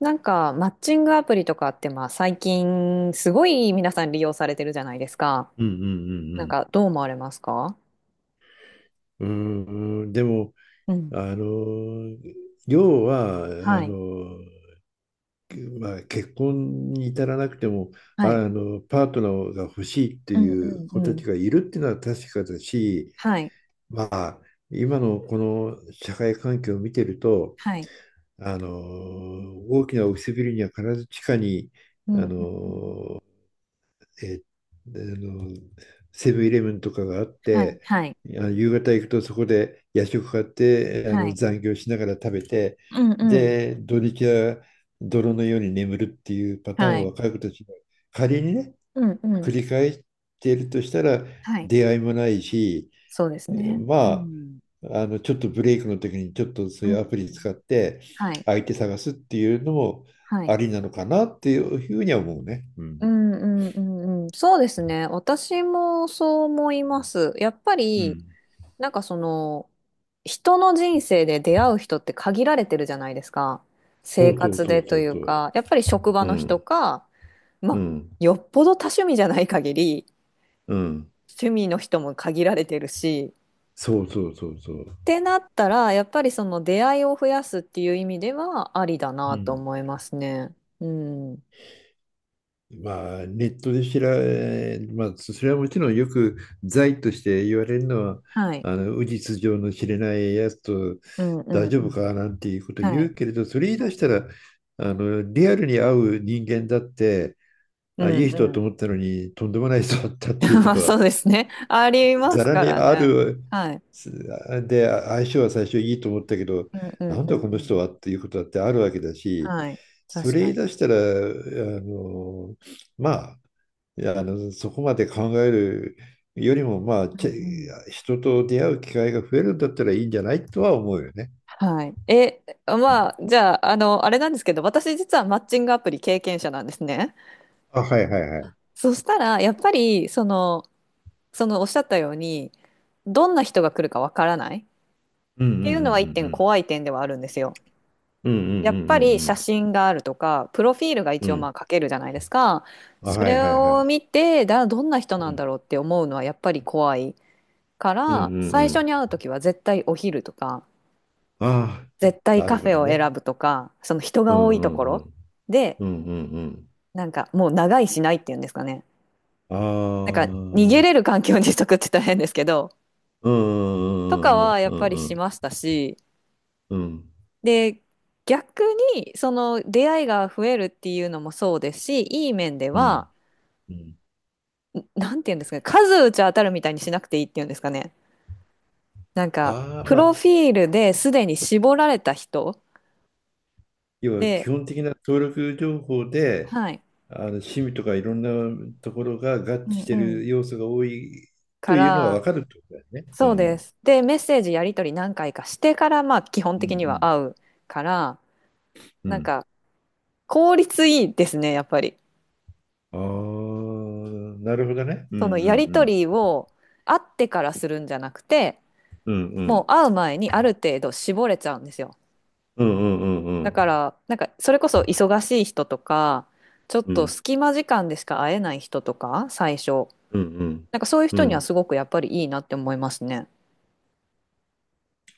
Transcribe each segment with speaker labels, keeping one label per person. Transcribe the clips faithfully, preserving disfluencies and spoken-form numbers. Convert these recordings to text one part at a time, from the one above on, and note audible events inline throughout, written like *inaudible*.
Speaker 1: なんか、マッチングアプリとかって、まあ、最近、すごい皆さん利用されてるじゃないですか。
Speaker 2: うんう
Speaker 1: なん
Speaker 2: ん
Speaker 1: か、どう思われますか？
Speaker 2: うんうん。うーん、でも、
Speaker 1: うん。
Speaker 2: あの、要は、あ
Speaker 1: はい。
Speaker 2: の、まあ、結婚に至らなくても、
Speaker 1: はい。
Speaker 2: あの、パートナーが欲しいって
Speaker 1: うん
Speaker 2: い
Speaker 1: う
Speaker 2: う
Speaker 1: ん
Speaker 2: 子
Speaker 1: う
Speaker 2: た
Speaker 1: ん。
Speaker 2: ちがいるっていうのは確かだし、
Speaker 1: はい。
Speaker 2: まあ、今のこの社会環境を見てると、
Speaker 1: はい。
Speaker 2: あの、大きなオフィスビルには必ず地下に、
Speaker 1: うんう
Speaker 2: あ
Speaker 1: ん
Speaker 2: の、
Speaker 1: うん。
Speaker 2: えーあのセブンイレブンとかがあっ
Speaker 1: はい。
Speaker 2: て、
Speaker 1: はい。
Speaker 2: あの夕方行くとそこで夜食買って、あ
Speaker 1: は
Speaker 2: の
Speaker 1: い。
Speaker 2: 残業しながら食べて、
Speaker 1: うんうん。
Speaker 2: で土日は泥のように眠るっていうパター
Speaker 1: は
Speaker 2: ンを
Speaker 1: い。
Speaker 2: 若い子たちが仮にね
Speaker 1: うんう
Speaker 2: 繰
Speaker 1: ん。
Speaker 2: り返しているとしたら、
Speaker 1: はい。
Speaker 2: 出会いもないし、
Speaker 1: そうです
Speaker 2: え
Speaker 1: ね。
Speaker 2: ー
Speaker 1: う
Speaker 2: ま
Speaker 1: ん。
Speaker 2: あ、あのちょっとブレイクの時にちょっとそ
Speaker 1: う
Speaker 2: う
Speaker 1: ん
Speaker 2: い
Speaker 1: う
Speaker 2: うアプリ使
Speaker 1: ん。
Speaker 2: って
Speaker 1: はい。
Speaker 2: 相手探すっていうのも
Speaker 1: はい。
Speaker 2: ありなのかなっていうふうには思うね。う
Speaker 1: う
Speaker 2: ん
Speaker 1: んうんうんうん。そうですね。私もそう思います。やっぱ
Speaker 2: う
Speaker 1: り、
Speaker 2: ん。
Speaker 1: なんかその、人の人生で出会う人って限られてるじゃないですか。
Speaker 2: そ
Speaker 1: 生
Speaker 2: うそう
Speaker 1: 活
Speaker 2: そ
Speaker 1: で
Speaker 2: うそ
Speaker 1: と
Speaker 2: う
Speaker 1: いう
Speaker 2: そう。
Speaker 1: か、やっぱり職場
Speaker 2: う
Speaker 1: の人
Speaker 2: ん、
Speaker 1: か、
Speaker 2: う
Speaker 1: まあ、
Speaker 2: ん、
Speaker 1: よっぽど多趣味じゃない限り、
Speaker 2: うん、
Speaker 1: 趣味の人も限られてるし、
Speaker 2: そうそうそうそう。
Speaker 1: ってなったら、やっぱりその出会いを増やすっていう意味ではありだ
Speaker 2: う
Speaker 1: なと
Speaker 2: ん。
Speaker 1: 思いますね。うん。
Speaker 2: まあ、ネットで知ら、えーまあ、それはもちろんよく罪として言われるのは、
Speaker 1: はい。
Speaker 2: あの、無実上の知れないやつと
Speaker 1: うんうんう
Speaker 2: 大丈夫
Speaker 1: ん。
Speaker 2: かなんていうこと
Speaker 1: は
Speaker 2: 言
Speaker 1: い。
Speaker 2: うけれど、それ言い
Speaker 1: は
Speaker 2: 出した
Speaker 1: い
Speaker 2: ら、あの、リアルに会う人間だって、
Speaker 1: う
Speaker 2: あ、い
Speaker 1: ん
Speaker 2: い人
Speaker 1: う
Speaker 2: だと
Speaker 1: ん。
Speaker 2: 思ったのに、とんでもない人だったっていう
Speaker 1: *laughs*
Speaker 2: こ
Speaker 1: まあ
Speaker 2: とは
Speaker 1: そうですね。ありま
Speaker 2: ざ
Speaker 1: す
Speaker 2: ら
Speaker 1: か
Speaker 2: に
Speaker 1: ら
Speaker 2: あ
Speaker 1: ね。
Speaker 2: る。
Speaker 1: はい。
Speaker 2: で、相性は最初いいと思ったけど、
Speaker 1: うんうん
Speaker 2: なん
Speaker 1: うんう
Speaker 2: だこの人
Speaker 1: ん。
Speaker 2: はっていうことだってあるわけだし、
Speaker 1: はい。
Speaker 2: そ
Speaker 1: 確
Speaker 2: れ
Speaker 1: か
Speaker 2: 言い
Speaker 1: に。
Speaker 2: 出したらあのまあ、いや、あのそこまで考えるよりも、まあ、
Speaker 1: う
Speaker 2: ち
Speaker 1: んうん。
Speaker 2: 人と出会う機会が増えるんだったらいいんじゃないとは思うよね。
Speaker 1: はい。え、まあ、じゃあ、あの、あれなんですけど、私実はマッチングアプリ経験者なんですね。
Speaker 2: あ、はいはいはい。
Speaker 1: そしたら、やっぱり、その、そのおっしゃったように、どんな人が来るかわからないっ
Speaker 2: うんうんう
Speaker 1: ていうのは一点
Speaker 2: ん
Speaker 1: 怖い点ではあるんですよ。
Speaker 2: うんうんうんう
Speaker 1: やっぱり写
Speaker 2: ん
Speaker 1: 真があるとか、プロフィールが
Speaker 2: う
Speaker 1: 一
Speaker 2: んう
Speaker 1: 応
Speaker 2: んうんう
Speaker 1: ま
Speaker 2: ん。
Speaker 1: あ書けるじゃないですか。
Speaker 2: あ、
Speaker 1: そ
Speaker 2: はい
Speaker 1: れ
Speaker 2: はいは
Speaker 1: を
Speaker 2: い。
Speaker 1: 見て、だ、どんな人
Speaker 2: う
Speaker 1: なんだ
Speaker 2: ん
Speaker 1: ろうって思うのはやっぱり怖いか
Speaker 2: うんうんう
Speaker 1: ら、最初
Speaker 2: ん。
Speaker 1: に会うときは絶対お昼とか、
Speaker 2: ああ、
Speaker 1: 絶対
Speaker 2: な
Speaker 1: カ
Speaker 2: る
Speaker 1: フ
Speaker 2: ほ
Speaker 1: ェ
Speaker 2: ど
Speaker 1: を
Speaker 2: ね。
Speaker 1: 選ぶとか、その人
Speaker 2: う
Speaker 1: が
Speaker 2: ん
Speaker 1: 多い
Speaker 2: う
Speaker 1: と
Speaker 2: ん
Speaker 1: こ
Speaker 2: う
Speaker 1: ろ
Speaker 2: ん
Speaker 1: で、
Speaker 2: うんうん
Speaker 1: なんかもう長いしないっていうんですかね。
Speaker 2: う
Speaker 1: なんか逃げ
Speaker 2: ん。あ
Speaker 1: れる
Speaker 2: あ、
Speaker 1: 環境にしとくって大変ですけど、
Speaker 2: う
Speaker 1: とか
Speaker 2: んうん
Speaker 1: はやっ
Speaker 2: う
Speaker 1: ぱ
Speaker 2: ん
Speaker 1: り
Speaker 2: う
Speaker 1: し
Speaker 2: ん
Speaker 1: ましたし、
Speaker 2: うん
Speaker 1: で、逆にその出会いが増えるっていうのもそうですし、いい面で
Speaker 2: うん
Speaker 1: は、
Speaker 2: うん。
Speaker 1: んなんて言うんですかね、数打ち当たるみたいにしなくていいっていうんですかね。なんか、
Speaker 2: ああ、
Speaker 1: プ
Speaker 2: ま
Speaker 1: ロ
Speaker 2: あ、
Speaker 1: フィールですでに絞られた人
Speaker 2: 要は基
Speaker 1: で、
Speaker 2: 本的な登録情報で、
Speaker 1: はい。
Speaker 2: あの趣味とかいろんなところが合
Speaker 1: う
Speaker 2: 致
Speaker 1: ん
Speaker 2: して
Speaker 1: う
Speaker 2: る
Speaker 1: ん。
Speaker 2: 要素が多いと
Speaker 1: か
Speaker 2: いうのは分
Speaker 1: ら、
Speaker 2: かるってことだよね。う
Speaker 1: そうで
Speaker 2: ん。
Speaker 1: す。で、メッセージやり取り何回かしてから、まあ、基本
Speaker 2: うんう
Speaker 1: 的には
Speaker 2: ん。
Speaker 1: 会うから、
Speaker 2: う
Speaker 1: なん
Speaker 2: ん。
Speaker 1: か、効率いいですね、やっぱり。
Speaker 2: ああ、なるほどね。うんうん
Speaker 1: そ
Speaker 2: う
Speaker 1: のやり
Speaker 2: ん。
Speaker 1: 取りを会ってからするんじゃなくて、
Speaker 2: うんう
Speaker 1: もう
Speaker 2: ん。
Speaker 1: 会う前にある程度絞れちゃうんですよ。
Speaker 2: うんうんうんう
Speaker 1: だか
Speaker 2: ん。
Speaker 1: ら、なんか、それこそ忙しい人とか、ちょっ
Speaker 2: う
Speaker 1: と
Speaker 2: ん
Speaker 1: 隙間時間でしか会えない人とか、最初。
Speaker 2: うんうん。
Speaker 1: なんかそういう
Speaker 2: う
Speaker 1: 人には
Speaker 2: ん。
Speaker 1: すごくやっぱりいいなって思いますね。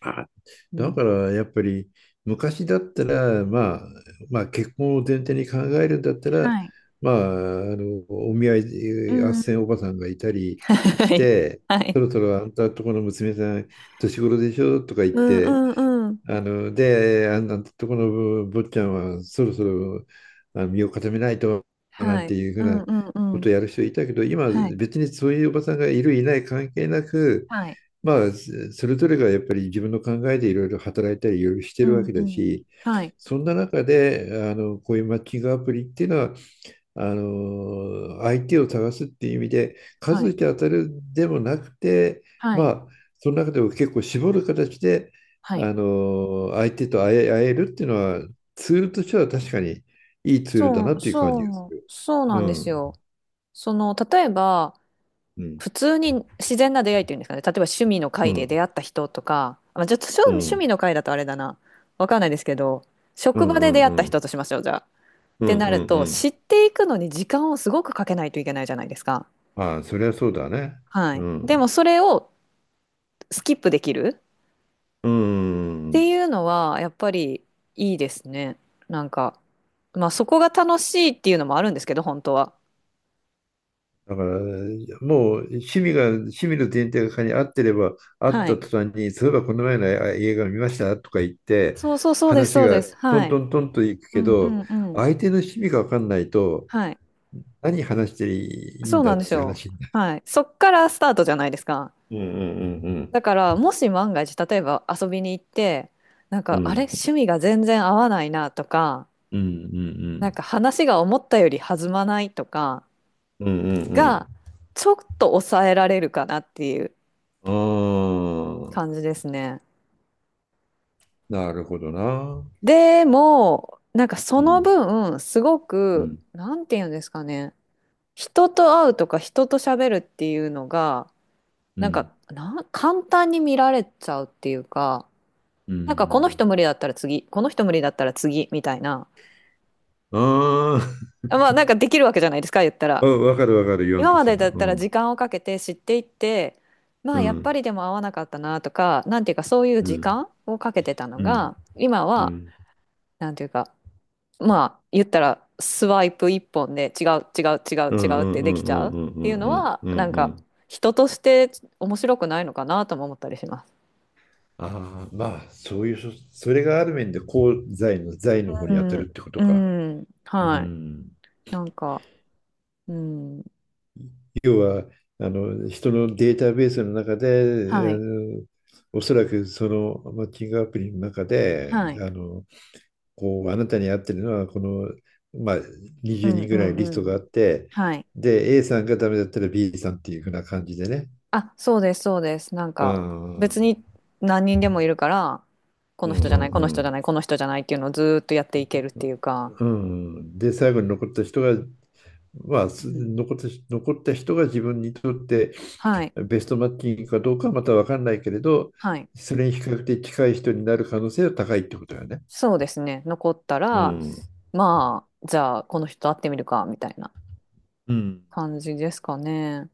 Speaker 2: あ、
Speaker 1: う
Speaker 2: だ
Speaker 1: ん。
Speaker 2: からやっぱり昔だったら、まあ、まあ結婚を前提に考えるんだったら、
Speaker 1: はい。
Speaker 2: まあ、あのお見合い
Speaker 1: う
Speaker 2: 斡旋お
Speaker 1: ん。
Speaker 2: ばさんがいたりし
Speaker 1: はい。
Speaker 2: て、
Speaker 1: は
Speaker 2: そ
Speaker 1: い。
Speaker 2: ろそろあんたとこの娘さん年頃でしょとか言っ
Speaker 1: うん
Speaker 2: て、
Speaker 1: うんうん。
Speaker 2: あので、あのとこの坊ちゃんはそろそろあの身を固めないとな
Speaker 1: は
Speaker 2: んて
Speaker 1: い。
Speaker 2: いうふ
Speaker 1: う
Speaker 2: うな
Speaker 1: んうん
Speaker 2: こ
Speaker 1: うん。
Speaker 2: とをやる人いたけど、今
Speaker 1: はい。
Speaker 2: 別にそういうおばさんがいるいない関係なく、
Speaker 1: はい。
Speaker 2: まあ、それぞれがやっぱり自分の考えでいろいろ働いたりいろいろして
Speaker 1: う
Speaker 2: るわ
Speaker 1: ん
Speaker 2: け
Speaker 1: う
Speaker 2: だ
Speaker 1: ん。
Speaker 2: し、
Speaker 1: はい。
Speaker 2: そんな中であのこういうマッチングアプリっていうのはあの相手を探すっていう意味で
Speaker 1: は
Speaker 2: 数
Speaker 1: い。
Speaker 2: えて当たるでもなくて、
Speaker 1: は
Speaker 2: ま
Speaker 1: い。
Speaker 2: あ、その中でも結構絞る形で
Speaker 1: はい。
Speaker 2: あの相手と会え、会えるっていうのはツールとしては確かにいいツールだ
Speaker 1: そ
Speaker 2: な
Speaker 1: う、
Speaker 2: っていう感
Speaker 1: そ
Speaker 2: じがす
Speaker 1: う、
Speaker 2: る。
Speaker 1: そう
Speaker 2: う
Speaker 1: なんです
Speaker 2: ん
Speaker 1: よ。その、例えば、
Speaker 2: うん
Speaker 1: 普通に自然な出会いっていうんですかね。例えば趣味の
Speaker 2: う
Speaker 1: 会で
Speaker 2: ん
Speaker 1: 出会った人とか、まあ、ちょっと趣
Speaker 2: う
Speaker 1: 趣味
Speaker 2: ん
Speaker 1: の会だとあれだな。わかんないですけど、
Speaker 2: う
Speaker 1: 職
Speaker 2: ん
Speaker 1: 場
Speaker 2: う
Speaker 1: で出
Speaker 2: ん
Speaker 1: 会
Speaker 2: う
Speaker 1: った
Speaker 2: んう
Speaker 1: 人
Speaker 2: ん
Speaker 1: としましょう、じゃあ。っ
Speaker 2: うん
Speaker 1: てなる
Speaker 2: う
Speaker 1: と、
Speaker 2: ん。
Speaker 1: 知っていくのに時間をすごくかけないといけないじゃないですか。
Speaker 2: ああ、それはそうだね。
Speaker 1: は
Speaker 2: う
Speaker 1: い。でも
Speaker 2: ん
Speaker 1: それをスキップできる、
Speaker 2: う
Speaker 1: っ
Speaker 2: ん。
Speaker 1: ていうのはやっぱりいいですね。なんか、まあそこが楽しいっていうのもあるんですけど、本当は。
Speaker 2: だから、もう趣味が、趣味の前提がに合ってれば、合っ
Speaker 1: は
Speaker 2: た途
Speaker 1: い。
Speaker 2: 端に、そういえばこの前のあ映画見ましたとか言って、
Speaker 1: そうそうそうです、
Speaker 2: 話
Speaker 1: そうで
Speaker 2: が
Speaker 1: す。
Speaker 2: ト
Speaker 1: は
Speaker 2: ント
Speaker 1: い。
Speaker 2: ントンといく
Speaker 1: う
Speaker 2: け
Speaker 1: んう
Speaker 2: ど、
Speaker 1: んうん。
Speaker 2: 相手の趣味が分かんないと、
Speaker 1: はい。
Speaker 2: 何話していい
Speaker 1: そ
Speaker 2: ん
Speaker 1: う
Speaker 2: だ
Speaker 1: な
Speaker 2: っ
Speaker 1: んです
Speaker 2: ていう
Speaker 1: よ。
Speaker 2: 話になる。
Speaker 1: はい。そっからスタートじゃないですか。
Speaker 2: うんうんうん
Speaker 1: だからもし万が一、例えば遊びに行って、なん
Speaker 2: う
Speaker 1: かあれ、
Speaker 2: ん。
Speaker 1: 趣味が全然合わないなとか、
Speaker 2: うんう
Speaker 1: なん
Speaker 2: ん
Speaker 1: か話が思ったより弾まないとか
Speaker 2: うんうんうん
Speaker 1: が、ちょっと抑えられるかなっていう
Speaker 2: うん。ああ、
Speaker 1: 感じですね。
Speaker 2: なるほどな。
Speaker 1: でも、なんかそ
Speaker 2: う
Speaker 1: の
Speaker 2: ん
Speaker 1: 分、すご
Speaker 2: う
Speaker 1: く、
Speaker 2: ん
Speaker 1: なんていうんですかね、人と会うとか人と喋るっていうのが、
Speaker 2: う
Speaker 1: なんか、
Speaker 2: ん
Speaker 1: な、簡単に見られちゃうっていうか、
Speaker 2: う
Speaker 1: なんかこの
Speaker 2: ん。
Speaker 1: 人無理だったら次、この人無理だったら次、みたいな。
Speaker 2: あ *laughs*
Speaker 1: まあなんかできるわけじゃないですか、言った
Speaker 2: あ、う
Speaker 1: ら。
Speaker 2: ん、わかるわかる、言わん
Speaker 1: 今
Speaker 2: と
Speaker 1: ま
Speaker 2: す
Speaker 1: で
Speaker 2: る
Speaker 1: だ
Speaker 2: の。
Speaker 1: っ
Speaker 2: う
Speaker 1: たら
Speaker 2: ん
Speaker 1: 時間をかけて知っていって、ま
Speaker 2: う
Speaker 1: あやっぱ
Speaker 2: ん
Speaker 1: りでも合わなかったなとか、なんていうかそういう
Speaker 2: う
Speaker 1: 時
Speaker 2: ん。
Speaker 1: 間をかけてたの
Speaker 2: うん。
Speaker 1: が、今
Speaker 2: う
Speaker 1: は、
Speaker 2: ん。
Speaker 1: なんていうか、まあ言ったらスワイプ一本で違う違う違う
Speaker 2: うん
Speaker 1: 違う
Speaker 2: う
Speaker 1: っ
Speaker 2: ん
Speaker 1: て
Speaker 2: う
Speaker 1: で
Speaker 2: ん
Speaker 1: きち
Speaker 2: うん
Speaker 1: ゃうっ
Speaker 2: うん
Speaker 1: ていうの
Speaker 2: うん
Speaker 1: は
Speaker 2: う
Speaker 1: な
Speaker 2: ん
Speaker 1: ん
Speaker 2: う
Speaker 1: か
Speaker 2: ん。
Speaker 1: 人として面白くないのかなとも思ったりします。
Speaker 2: ああ、まあ、そういうそ、それがある面で功罪の罪の方
Speaker 1: う
Speaker 2: に当たる
Speaker 1: ん、
Speaker 2: ってこと
Speaker 1: う
Speaker 2: か。
Speaker 1: ん、
Speaker 2: う
Speaker 1: はい。
Speaker 2: ん。
Speaker 1: なんか、うん、
Speaker 2: 要は、あの、人のデータベースの中で、
Speaker 1: は
Speaker 2: あ
Speaker 1: い、
Speaker 2: の、おそらくそのマッチングアプリの中で、
Speaker 1: はい、
Speaker 2: あの、こう、あなたに合ってるのは、この、まあ、
Speaker 1: う
Speaker 2: 20
Speaker 1: ん、
Speaker 2: 人
Speaker 1: う
Speaker 2: ぐらい
Speaker 1: ん、
Speaker 2: リス
Speaker 1: う
Speaker 2: ト
Speaker 1: ん、
Speaker 2: があって、
Speaker 1: はい。
Speaker 2: で、A さんがダメだったら B さんっていうふうな感じでね。
Speaker 1: あ、そうです、そうです。なん
Speaker 2: う
Speaker 1: か
Speaker 2: んう
Speaker 1: 別
Speaker 2: ん
Speaker 1: に何人でもいるから、こ
Speaker 2: う
Speaker 1: の
Speaker 2: んう
Speaker 1: 人じゃない、この人じゃ
Speaker 2: ん。
Speaker 1: ない、この人じゃないっていうのをずーっとやっていけるっていうか、
Speaker 2: うん、で最後に残った人が、まあ、す
Speaker 1: うん、
Speaker 2: 残ったし、残った人が自分にとって
Speaker 1: はい、
Speaker 2: ベストマッチングかどうかはまた分かんないけれど、
Speaker 1: はい。
Speaker 2: それに比較的近い人になる可能性は高いってことだよね。
Speaker 1: そうですね。残ったう
Speaker 2: う
Speaker 1: ら、ん。
Speaker 2: ん、
Speaker 1: まあ、じゃあ、この人と会ってみるか、みたいな
Speaker 2: うん。
Speaker 1: 感じですかね。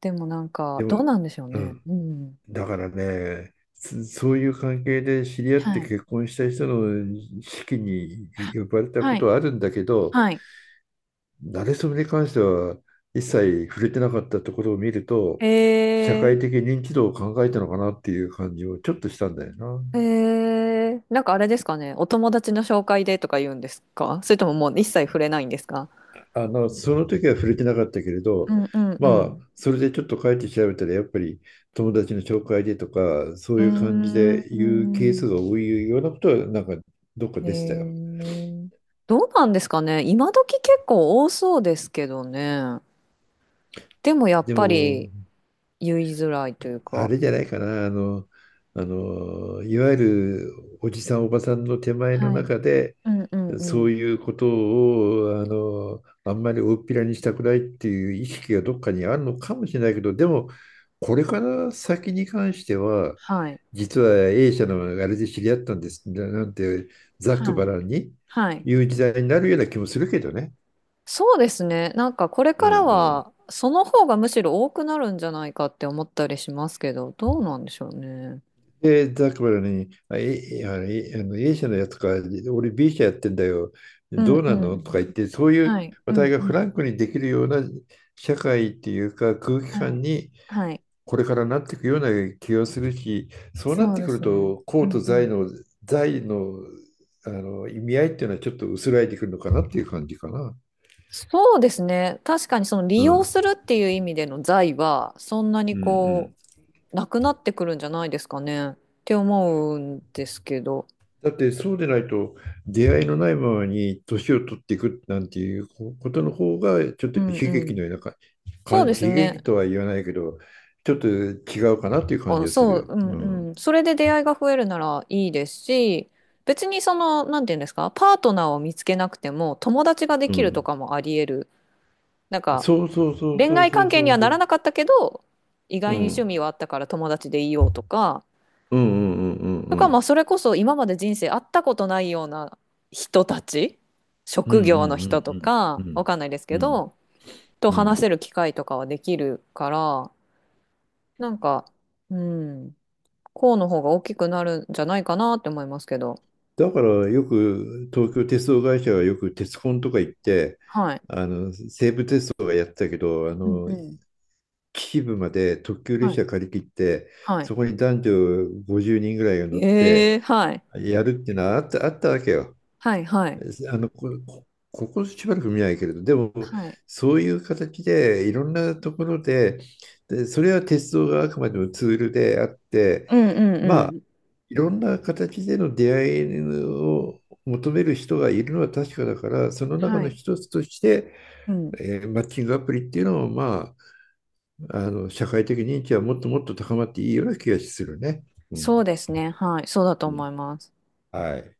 Speaker 1: でもなんか、
Speaker 2: で
Speaker 1: ど
Speaker 2: も、
Speaker 1: うなんでしょう
Speaker 2: う
Speaker 1: ね。
Speaker 2: ん、
Speaker 1: うん。
Speaker 2: だからね、そそういう関係で知り合って
Speaker 1: はい。
Speaker 2: 結婚した人の式に呼ばれた
Speaker 1: は
Speaker 2: こと
Speaker 1: い。
Speaker 2: はあるんだけど、
Speaker 1: はい。
Speaker 2: 慣れそめに関しては一切触れてなかったところを見ると、社会的
Speaker 1: え
Speaker 2: 認知度を考えたのかなっていう感じをちょっとしたんだよな。
Speaker 1: ー、えー、なんかあれですかね。お友達の紹介でとか言うんですか？それとももう一切触れないんですか？
Speaker 2: あの、その時は触れてなかったけれ
Speaker 1: う
Speaker 2: ど、
Speaker 1: んうんう
Speaker 2: まあ、
Speaker 1: ん。
Speaker 2: それでちょっと帰って調べたら、やっぱり友達の紹介でとか、そ
Speaker 1: う
Speaker 2: ういう感じ
Speaker 1: ー
Speaker 2: で言うケー
Speaker 1: ん。
Speaker 2: スが多いようなことは、なんかどっか
Speaker 1: え
Speaker 2: でしたよ。
Speaker 1: ー、どうなんですかね。今時結構多そうですけどね。でもやっ
Speaker 2: で
Speaker 1: ぱ
Speaker 2: も、
Speaker 1: り、言いづらいという
Speaker 2: あ
Speaker 1: か。
Speaker 2: れじゃないかな、あの、あの、いわゆるおじさん、おばさんの手前の
Speaker 1: はい。
Speaker 2: 中で、
Speaker 1: うんうんう
Speaker 2: そう
Speaker 1: ん。
Speaker 2: いうことをあのあんまり大っぴらにしたくないっていう意識がどっかにあるのかもしれないけど、でも、これから先に関しては、
Speaker 1: はい。
Speaker 2: 実は A 社のあれで知り合ったんですななんてざっく
Speaker 1: は
Speaker 2: ば
Speaker 1: い。
Speaker 2: らんに
Speaker 1: はい。
Speaker 2: 言う時代になるような気もするけどね。
Speaker 1: そうですね。なんかこれ
Speaker 2: う
Speaker 1: から
Speaker 2: んうん。
Speaker 1: はその方がむしろ多くなるんじゃないかって思ったりしますけど、どうなんでしょうね。
Speaker 2: で、ザックバラに、あ、A、あの A あの A 社のやつか、俺 B 社やってんだよ、
Speaker 1: うん
Speaker 2: ど
Speaker 1: う
Speaker 2: うな
Speaker 1: んう
Speaker 2: のと
Speaker 1: ん。
Speaker 2: か言って、そうい
Speaker 1: は
Speaker 2: う
Speaker 1: い。
Speaker 2: 話
Speaker 1: うん
Speaker 2: 題が
Speaker 1: う
Speaker 2: フラ
Speaker 1: ん。
Speaker 2: ンクにできるような社会っていうか空気
Speaker 1: は
Speaker 2: 感
Speaker 1: い。
Speaker 2: に
Speaker 1: はい。
Speaker 2: これからなっていくような気がするし、そうなっ
Speaker 1: そう
Speaker 2: て
Speaker 1: で
Speaker 2: くる
Speaker 1: すね。
Speaker 2: と、
Speaker 1: う
Speaker 2: 公と
Speaker 1: んう
Speaker 2: 財
Speaker 1: ん。
Speaker 2: の、財の、あの意味合いっていうのはちょっと薄らいでくるのかなっていう感じかな。
Speaker 1: そうですね。確かにその
Speaker 2: う
Speaker 1: 利
Speaker 2: ん。う
Speaker 1: 用
Speaker 2: ん
Speaker 1: するっていう意味での財はそんなに
Speaker 2: う
Speaker 1: こ
Speaker 2: ん。
Speaker 1: うなくなってくるんじゃないですかねって思うんですけど。
Speaker 2: だってそうでないと、出会いのないままに年を取っていくなんていうことの方がちょっ
Speaker 1: う
Speaker 2: と
Speaker 1: んう
Speaker 2: 悲劇
Speaker 1: ん。
Speaker 2: のようなかか
Speaker 1: そう
Speaker 2: 悲
Speaker 1: ですね。
Speaker 2: 劇とは言わないけど、ちょっと違うかなっていう感じ
Speaker 1: あ、
Speaker 2: がする
Speaker 1: そう、
Speaker 2: よ。
Speaker 1: う
Speaker 2: う
Speaker 1: ん
Speaker 2: ん。
Speaker 1: うん。それで出会いが増えるならいいですし、別にその、なんていうんですか、パートナーを見つけなくても友達がで
Speaker 2: う
Speaker 1: きると
Speaker 2: ん。
Speaker 1: かもあり得る。なんか、
Speaker 2: そうそうそう
Speaker 1: 恋
Speaker 2: そう
Speaker 1: 愛
Speaker 2: そ
Speaker 1: 関
Speaker 2: う
Speaker 1: 係
Speaker 2: そ
Speaker 1: に
Speaker 2: う
Speaker 1: は
Speaker 2: そ
Speaker 1: なら
Speaker 2: う。
Speaker 1: なかったけど、意
Speaker 2: う
Speaker 1: 外に趣
Speaker 2: ん。
Speaker 1: 味はあったから友達でいようとか、
Speaker 2: うんうんうんうん
Speaker 1: と
Speaker 2: う
Speaker 1: か、ま
Speaker 2: ん。
Speaker 1: あ、それこそ今まで人生会ったことないような人たち、
Speaker 2: うんう
Speaker 1: 職業の人
Speaker 2: ん
Speaker 1: と
Speaker 2: うん
Speaker 1: か、
Speaker 2: うんう
Speaker 1: わ
Speaker 2: ん
Speaker 1: かんないですけ
Speaker 2: うん
Speaker 1: ど、と
Speaker 2: う
Speaker 1: 話せ
Speaker 2: ん。
Speaker 1: る機会とかはできるから、なんか、うん。こうの方が大きくなるんじゃないかなって思いますけど。
Speaker 2: だからよく東京鉄道会社はよく鉄コンとか行って、
Speaker 1: はい。
Speaker 2: あの西武鉄道がやってたけど、あ
Speaker 1: うん
Speaker 2: の
Speaker 1: うん。
Speaker 2: 秩父まで特急
Speaker 1: は
Speaker 2: 列
Speaker 1: い。
Speaker 2: 車借り切って、
Speaker 1: はい。
Speaker 2: そこに男女ごじゅうにんぐらいが乗っ
Speaker 1: え
Speaker 2: て
Speaker 1: えはい。
Speaker 2: やるっていうのはあった、あったわけよ。
Speaker 1: はい、はい。
Speaker 2: あのこ、こここしばらく見ないけれど、でも、
Speaker 1: はい。
Speaker 2: そういう形でいろんなところで、でそれは鉄道があくまでもツールであって、
Speaker 1: うん、うん、う
Speaker 2: ま
Speaker 1: ん。
Speaker 2: いろんな形での出会いを求める人がいるのは確かだから、その中
Speaker 1: は
Speaker 2: の
Speaker 1: い。
Speaker 2: 一つとして、
Speaker 1: うん。
Speaker 2: えーマッチングアプリっていうのも、まあ、あの社会的認知はもっともっと高まっていいような気がするね。うん、
Speaker 1: そうですね。はい。そうだと
Speaker 2: う
Speaker 1: 思
Speaker 2: ん、
Speaker 1: います。
Speaker 2: はい。